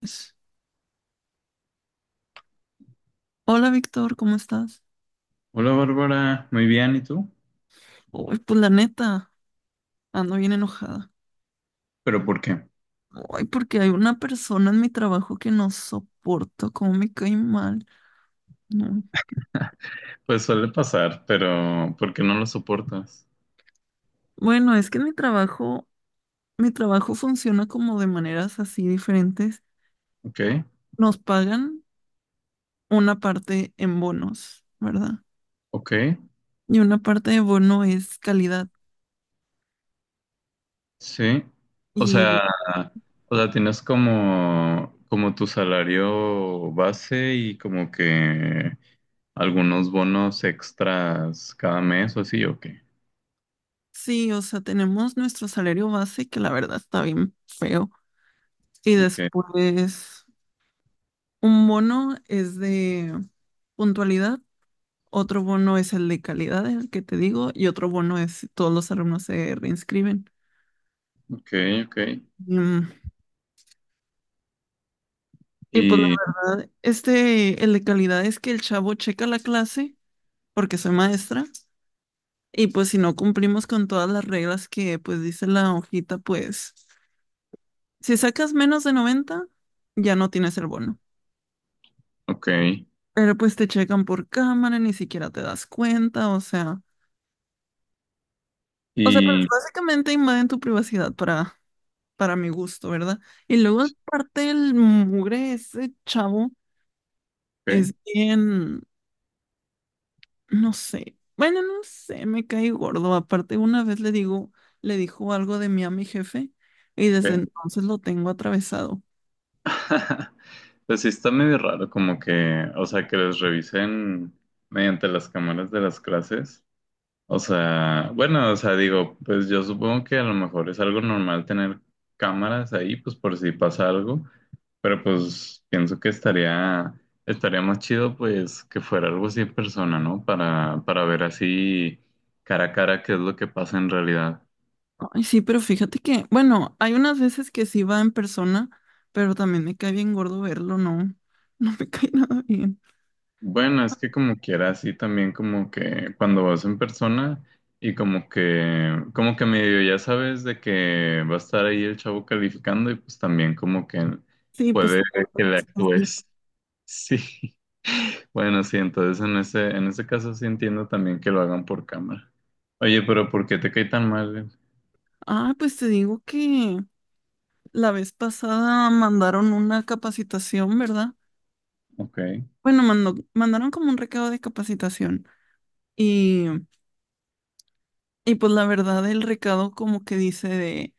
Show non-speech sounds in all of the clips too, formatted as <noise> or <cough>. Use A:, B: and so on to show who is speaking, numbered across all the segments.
A: Pues, hola Víctor, ¿cómo estás?
B: Hola Bárbara, muy bien, ¿y tú?
A: Uy, pues la neta, ando bien enojada.
B: ¿Pero por qué?
A: Ay, porque hay una persona en mi trabajo que no soporto, cómo me cae mal. No.
B: Pues suele pasar, pero ¿por qué no lo soportas?
A: Bueno, es que en mi trabajo funciona como de maneras así diferentes.
B: Ok,
A: Nos pagan una parte en bonos, ¿verdad?
B: ok,
A: Y una parte de bono es calidad.
B: sí. O
A: Y
B: sea, o sea tienes como tu salario base y como que algunos bonos extras cada mes o así, ok.
A: sí, o sea, tenemos nuestro salario base, que la verdad está bien feo. Y
B: Ok,
A: después un bono es de puntualidad, otro bono es el de calidad, el que te digo, y otro bono es si todos los alumnos se reinscriben.
B: ok, ok.
A: Mm, Y pues la
B: Y,
A: verdad, este, el de calidad es que el chavo checa la clase, porque soy maestra, y pues si no cumplimos con todas las reglas que pues dice la hojita, pues si sacas menos de 90 ya no tienes el bono.
B: ok,
A: Pero pues te checan por cámara, ni siquiera te das cuenta, o sea... O sea, pues
B: y,
A: básicamente invaden tu privacidad para mi gusto, ¿verdad? Y luego aparte el mugre, ese chavo
B: ok,
A: es bien, no sé, bueno, no sé, me cae gordo. Aparte una vez le digo, le dijo algo de mí a mi jefe y desde
B: ok.
A: entonces lo tengo atravesado.
B: <laughs> Pues sí está medio raro como que, o sea, que les revisen mediante las cámaras de las clases. O sea, bueno, o sea, digo, pues yo supongo que a lo mejor es algo normal tener cámaras ahí, pues por si pasa algo, pero pues pienso que estaría más chido pues que fuera algo así en persona, ¿no? Para ver así cara a cara qué es lo que pasa en realidad.
A: Ay, sí, pero fíjate que, bueno, hay unas veces que sí va en persona, pero también me cae bien gordo verlo, ¿no? <laughs> No me cae nada bien.
B: Bueno, es que como quiera, así también como que cuando vas en persona y como que medio ya sabes de que va a estar ahí el chavo calificando y pues también como que
A: Sí, pues...
B: puede
A: por
B: que
A: todas
B: le
A: las cosas, ¿no?
B: actúes. Sí, <laughs> bueno, sí, entonces en ese caso sí entiendo también que lo hagan por cámara. Oye, pero ¿por qué te cae tan mal?
A: Ah, pues te digo que la vez pasada mandaron una capacitación, ¿verdad?
B: Ok.
A: Bueno, mandaron como un recado de capacitación y, y pues la verdad el recado como que dice de,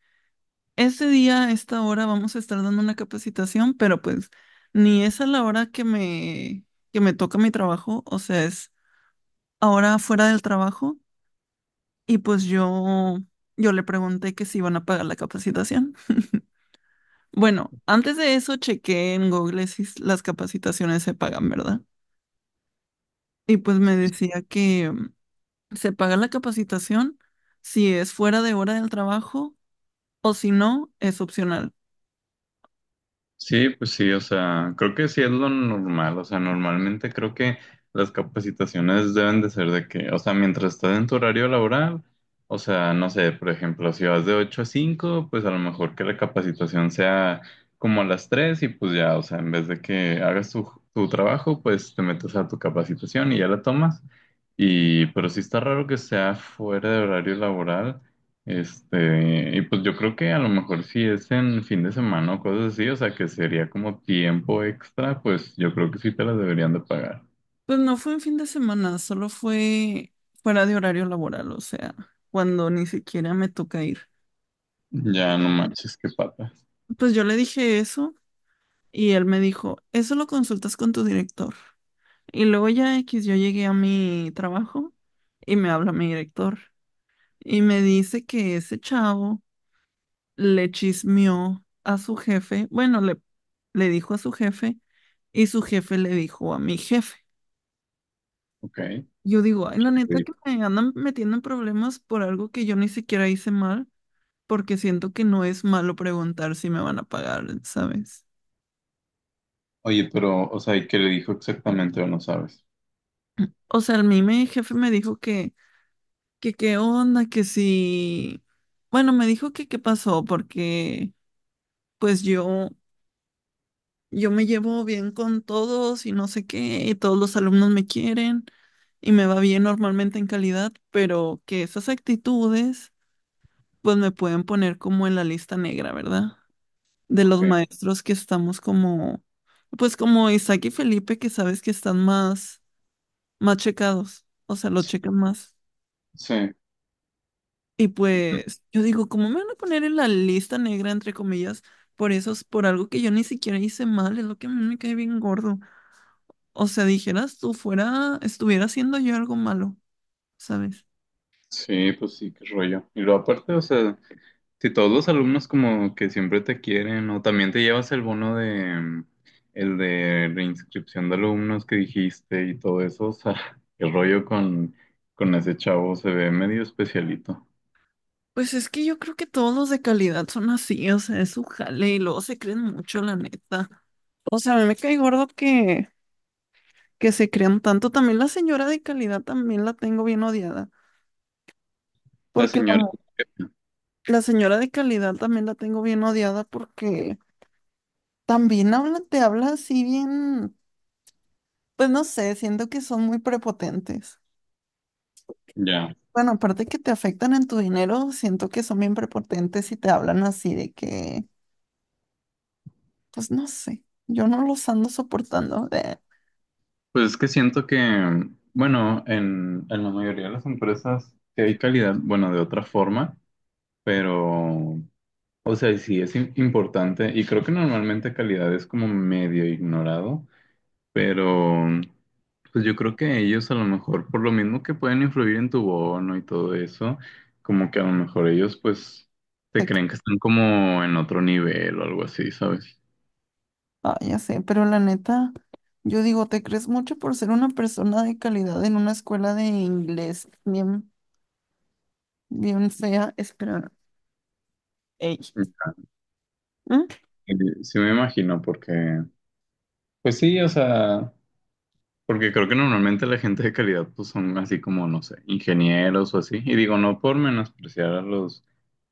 A: este día, a esta hora vamos a estar dando una capacitación, pero pues ni es a la hora que me toca mi trabajo, o sea, es ahora fuera del trabajo y pues yo le pregunté que si iban a pagar la capacitación. <laughs> Bueno, antes de eso chequé en Google si las capacitaciones se pagan, ¿verdad? Y pues me decía que... Se paga la capacitación si es fuera de hora del trabajo o si no, es opcional.
B: Sí, pues sí, o sea, creo que sí es lo normal, o sea, normalmente creo que las capacitaciones deben de ser de que, o sea, mientras estás en tu horario laboral, o sea, no sé, por ejemplo, si vas de 8 a 5, pues a lo mejor que la capacitación sea como a las 3 y pues ya, o sea, en vez de que hagas tu trabajo, pues te metes a tu capacitación y ya la tomas. Y, pero sí está raro que sea fuera de horario laboral. Este, y pues yo creo que a lo mejor si es en fin de semana o cosas así, o sea que sería como tiempo extra, pues yo creo que sí te las deberían de pagar.
A: Pues no fue en fin de semana, solo fue fuera de horario laboral, o sea, cuando ni siquiera me toca ir.
B: Ya no manches, qué pata.
A: Pues yo le dije eso y él me dijo, eso lo consultas con tu director. Y luego ya X, yo llegué a mi trabajo y me habla mi director y me dice que ese chavo le chismeó a su jefe, bueno, le dijo a su jefe y su jefe le dijo a mi jefe.
B: Ok. ¿Qué
A: Yo digo, ay, la
B: le
A: neta
B: dijo?
A: que me andan metiendo en problemas por algo que yo ni siquiera hice mal, porque siento que no es malo preguntar si me van a pagar, ¿sabes?
B: Oye, pero, o sea, ¿y qué le dijo exactamente o no sabes?
A: O sea, a mí mi jefe me dijo que qué onda, que si... Bueno, me dijo que qué pasó, porque pues yo me llevo bien con todos y no sé qué, y todos los alumnos me quieren y me va bien normalmente en calidad, pero que esas actitudes pues me pueden poner como en la lista negra, ¿verdad? De
B: Ok.
A: los maestros que estamos como, pues como Isaac y Felipe, que sabes que están más, más checados, o sea, lo checan más.
B: Sí.
A: Y pues yo digo, ¿cómo me van a poner en la lista negra, entre comillas, por eso, por algo que yo ni siquiera hice mal? Es lo que a mí me cae bien gordo. O sea, dijeras tú fuera, estuviera haciendo yo algo malo, ¿sabes?
B: Sí, pues sí, qué rollo. Y luego aparte, o sea. Si todos los alumnos como que siempre te quieren, o también te llevas el bono de el de reinscripción de alumnos que dijiste y todo eso, o sea, <laughs> el rollo con ese chavo se ve medio especialito.
A: Pues es que yo creo que todos los de calidad son así, o sea, es su jale y luego se creen mucho, la neta. O sea, a mí me cae gordo que se crean tanto. También la señora de calidad también la tengo bien odiada,
B: La
A: porque
B: señora,
A: la señora de calidad también la tengo bien odiada porque también habla, te habla así bien, pues no sé, siento que son muy prepotentes.
B: ya.
A: Bueno, aparte que te afectan en tu dinero, siento que son bien prepotentes y te hablan así de que, pues no sé, yo no los ando soportando.
B: Pues es que siento que, bueno, en la mayoría de las empresas sí hay calidad, bueno, de otra forma, pero, o sea, sí es importante y creo que normalmente calidad es como medio ignorado. Pero, pues yo creo que ellos a lo mejor, por lo mismo que pueden influir en tu bono y todo eso, como que a lo mejor ellos pues te
A: De que-
B: creen que están como en otro nivel o algo así, ¿sabes?
A: ah, ya sé, pero la neta, yo digo, te crees mucho por ser una persona de calidad en una escuela de inglés bien, bien fea. Espera, ey. ¿Mm?
B: Y sí me imagino, porque, pues sí, o sea, porque creo que normalmente la gente de calidad pues son así como, no sé, ingenieros o así, y digo, no por menospreciar a los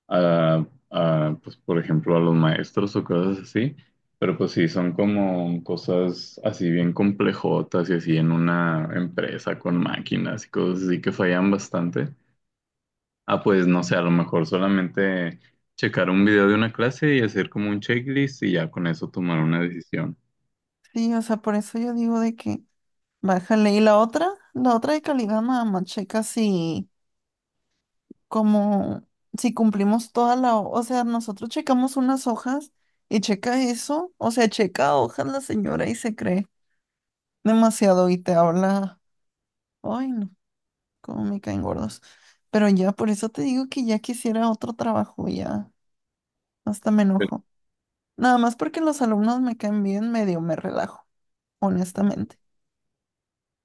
B: a, pues, por ejemplo, a los maestros o cosas así, pero pues sí, son como cosas así bien complejotas y así en una empresa con máquinas y cosas así que fallan bastante. Ah, pues no sé, a lo mejor solamente checar un video de una clase y hacer como un checklist y ya con eso tomar una decisión.
A: Sí, o sea, por eso yo digo de que bájale. Y la otra de calidad, nada más checa si, como si cumplimos toda o sea, nosotros checamos unas hojas y checa eso, o sea, checa hojas la señora y se cree demasiado y te habla, ay no, cómo me caen gordos. Pero ya, por eso te digo que ya quisiera otro trabajo, ya, hasta me
B: Pero
A: enojo. Nada más porque los alumnos me caen bien, medio me relajo, honestamente.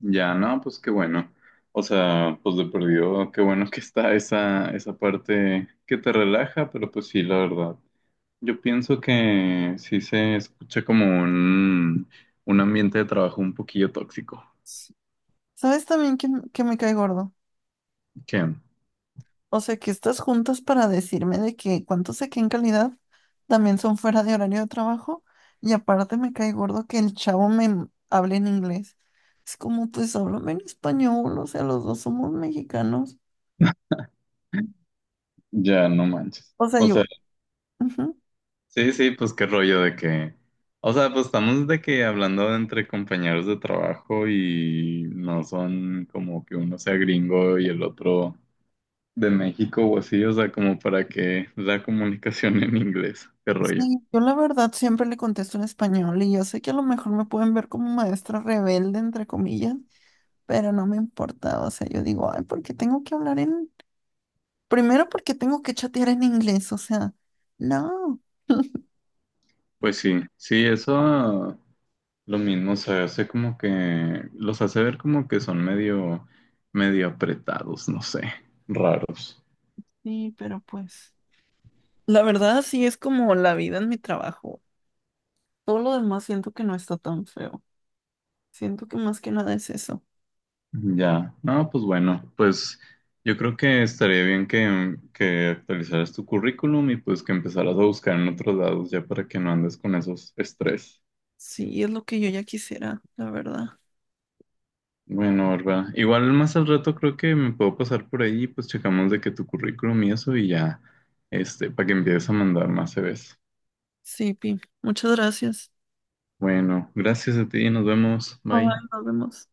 B: ya, no, pues qué bueno. O sea, pues de perdido, qué bueno que está esa parte que te relaja, pero pues sí, la verdad. Yo pienso que sí se escucha como un ambiente de trabajo un poquillo tóxico,
A: ¿Sabes también que me cae gordo?
B: que
A: O sea, que estás juntas para decirme de que cuánto saqué en calidad también son fuera de horario de trabajo y aparte me cae gordo que el chavo me hable en inglés. Es como, pues háblame en español, o sea, los dos somos mexicanos.
B: ya no manches.
A: O sea,
B: O
A: yo,
B: sea,
A: ujú.
B: sí, sí, pues qué rollo de que, o sea, pues estamos de que hablando entre compañeros de trabajo y no son como que uno sea gringo y el otro de México o así, o sea, como para que la comunicación <laughs> en inglés, qué rollo.
A: Sí, yo la verdad siempre le contesto en español y yo sé que a lo mejor me pueden ver como maestra rebelde, entre comillas, pero no me importa. O sea, yo digo, ay, ¿por qué tengo que hablar en... Primero, porque tengo que chatear en inglés? O sea, no.
B: Pues sí, sí, eso. Lo mismo se hace como que los hace ver como que son medio apretados, no sé, raros.
A: Sí, pero pues, la verdad sí es como la vida en mi trabajo. Todo lo demás siento que no está tan feo. Siento que más que nada es eso.
B: Ya, no, pues bueno, pues yo creo que estaría bien que actualizaras tu currículum y pues que empezaras a buscar en otros lados ya para que no andes con esos estrés.
A: Sí, es lo que yo ya quisiera, la verdad.
B: Bueno, ¿verdad? Igual más al rato creo que me puedo pasar por ahí y pues checamos de que tu currículum y eso y ya, este, para que empieces a mandar más CVs.
A: Sí, Pi, muchas gracias.
B: Bueno, gracias a ti, nos vemos,
A: Bye,
B: bye.
A: nos vemos.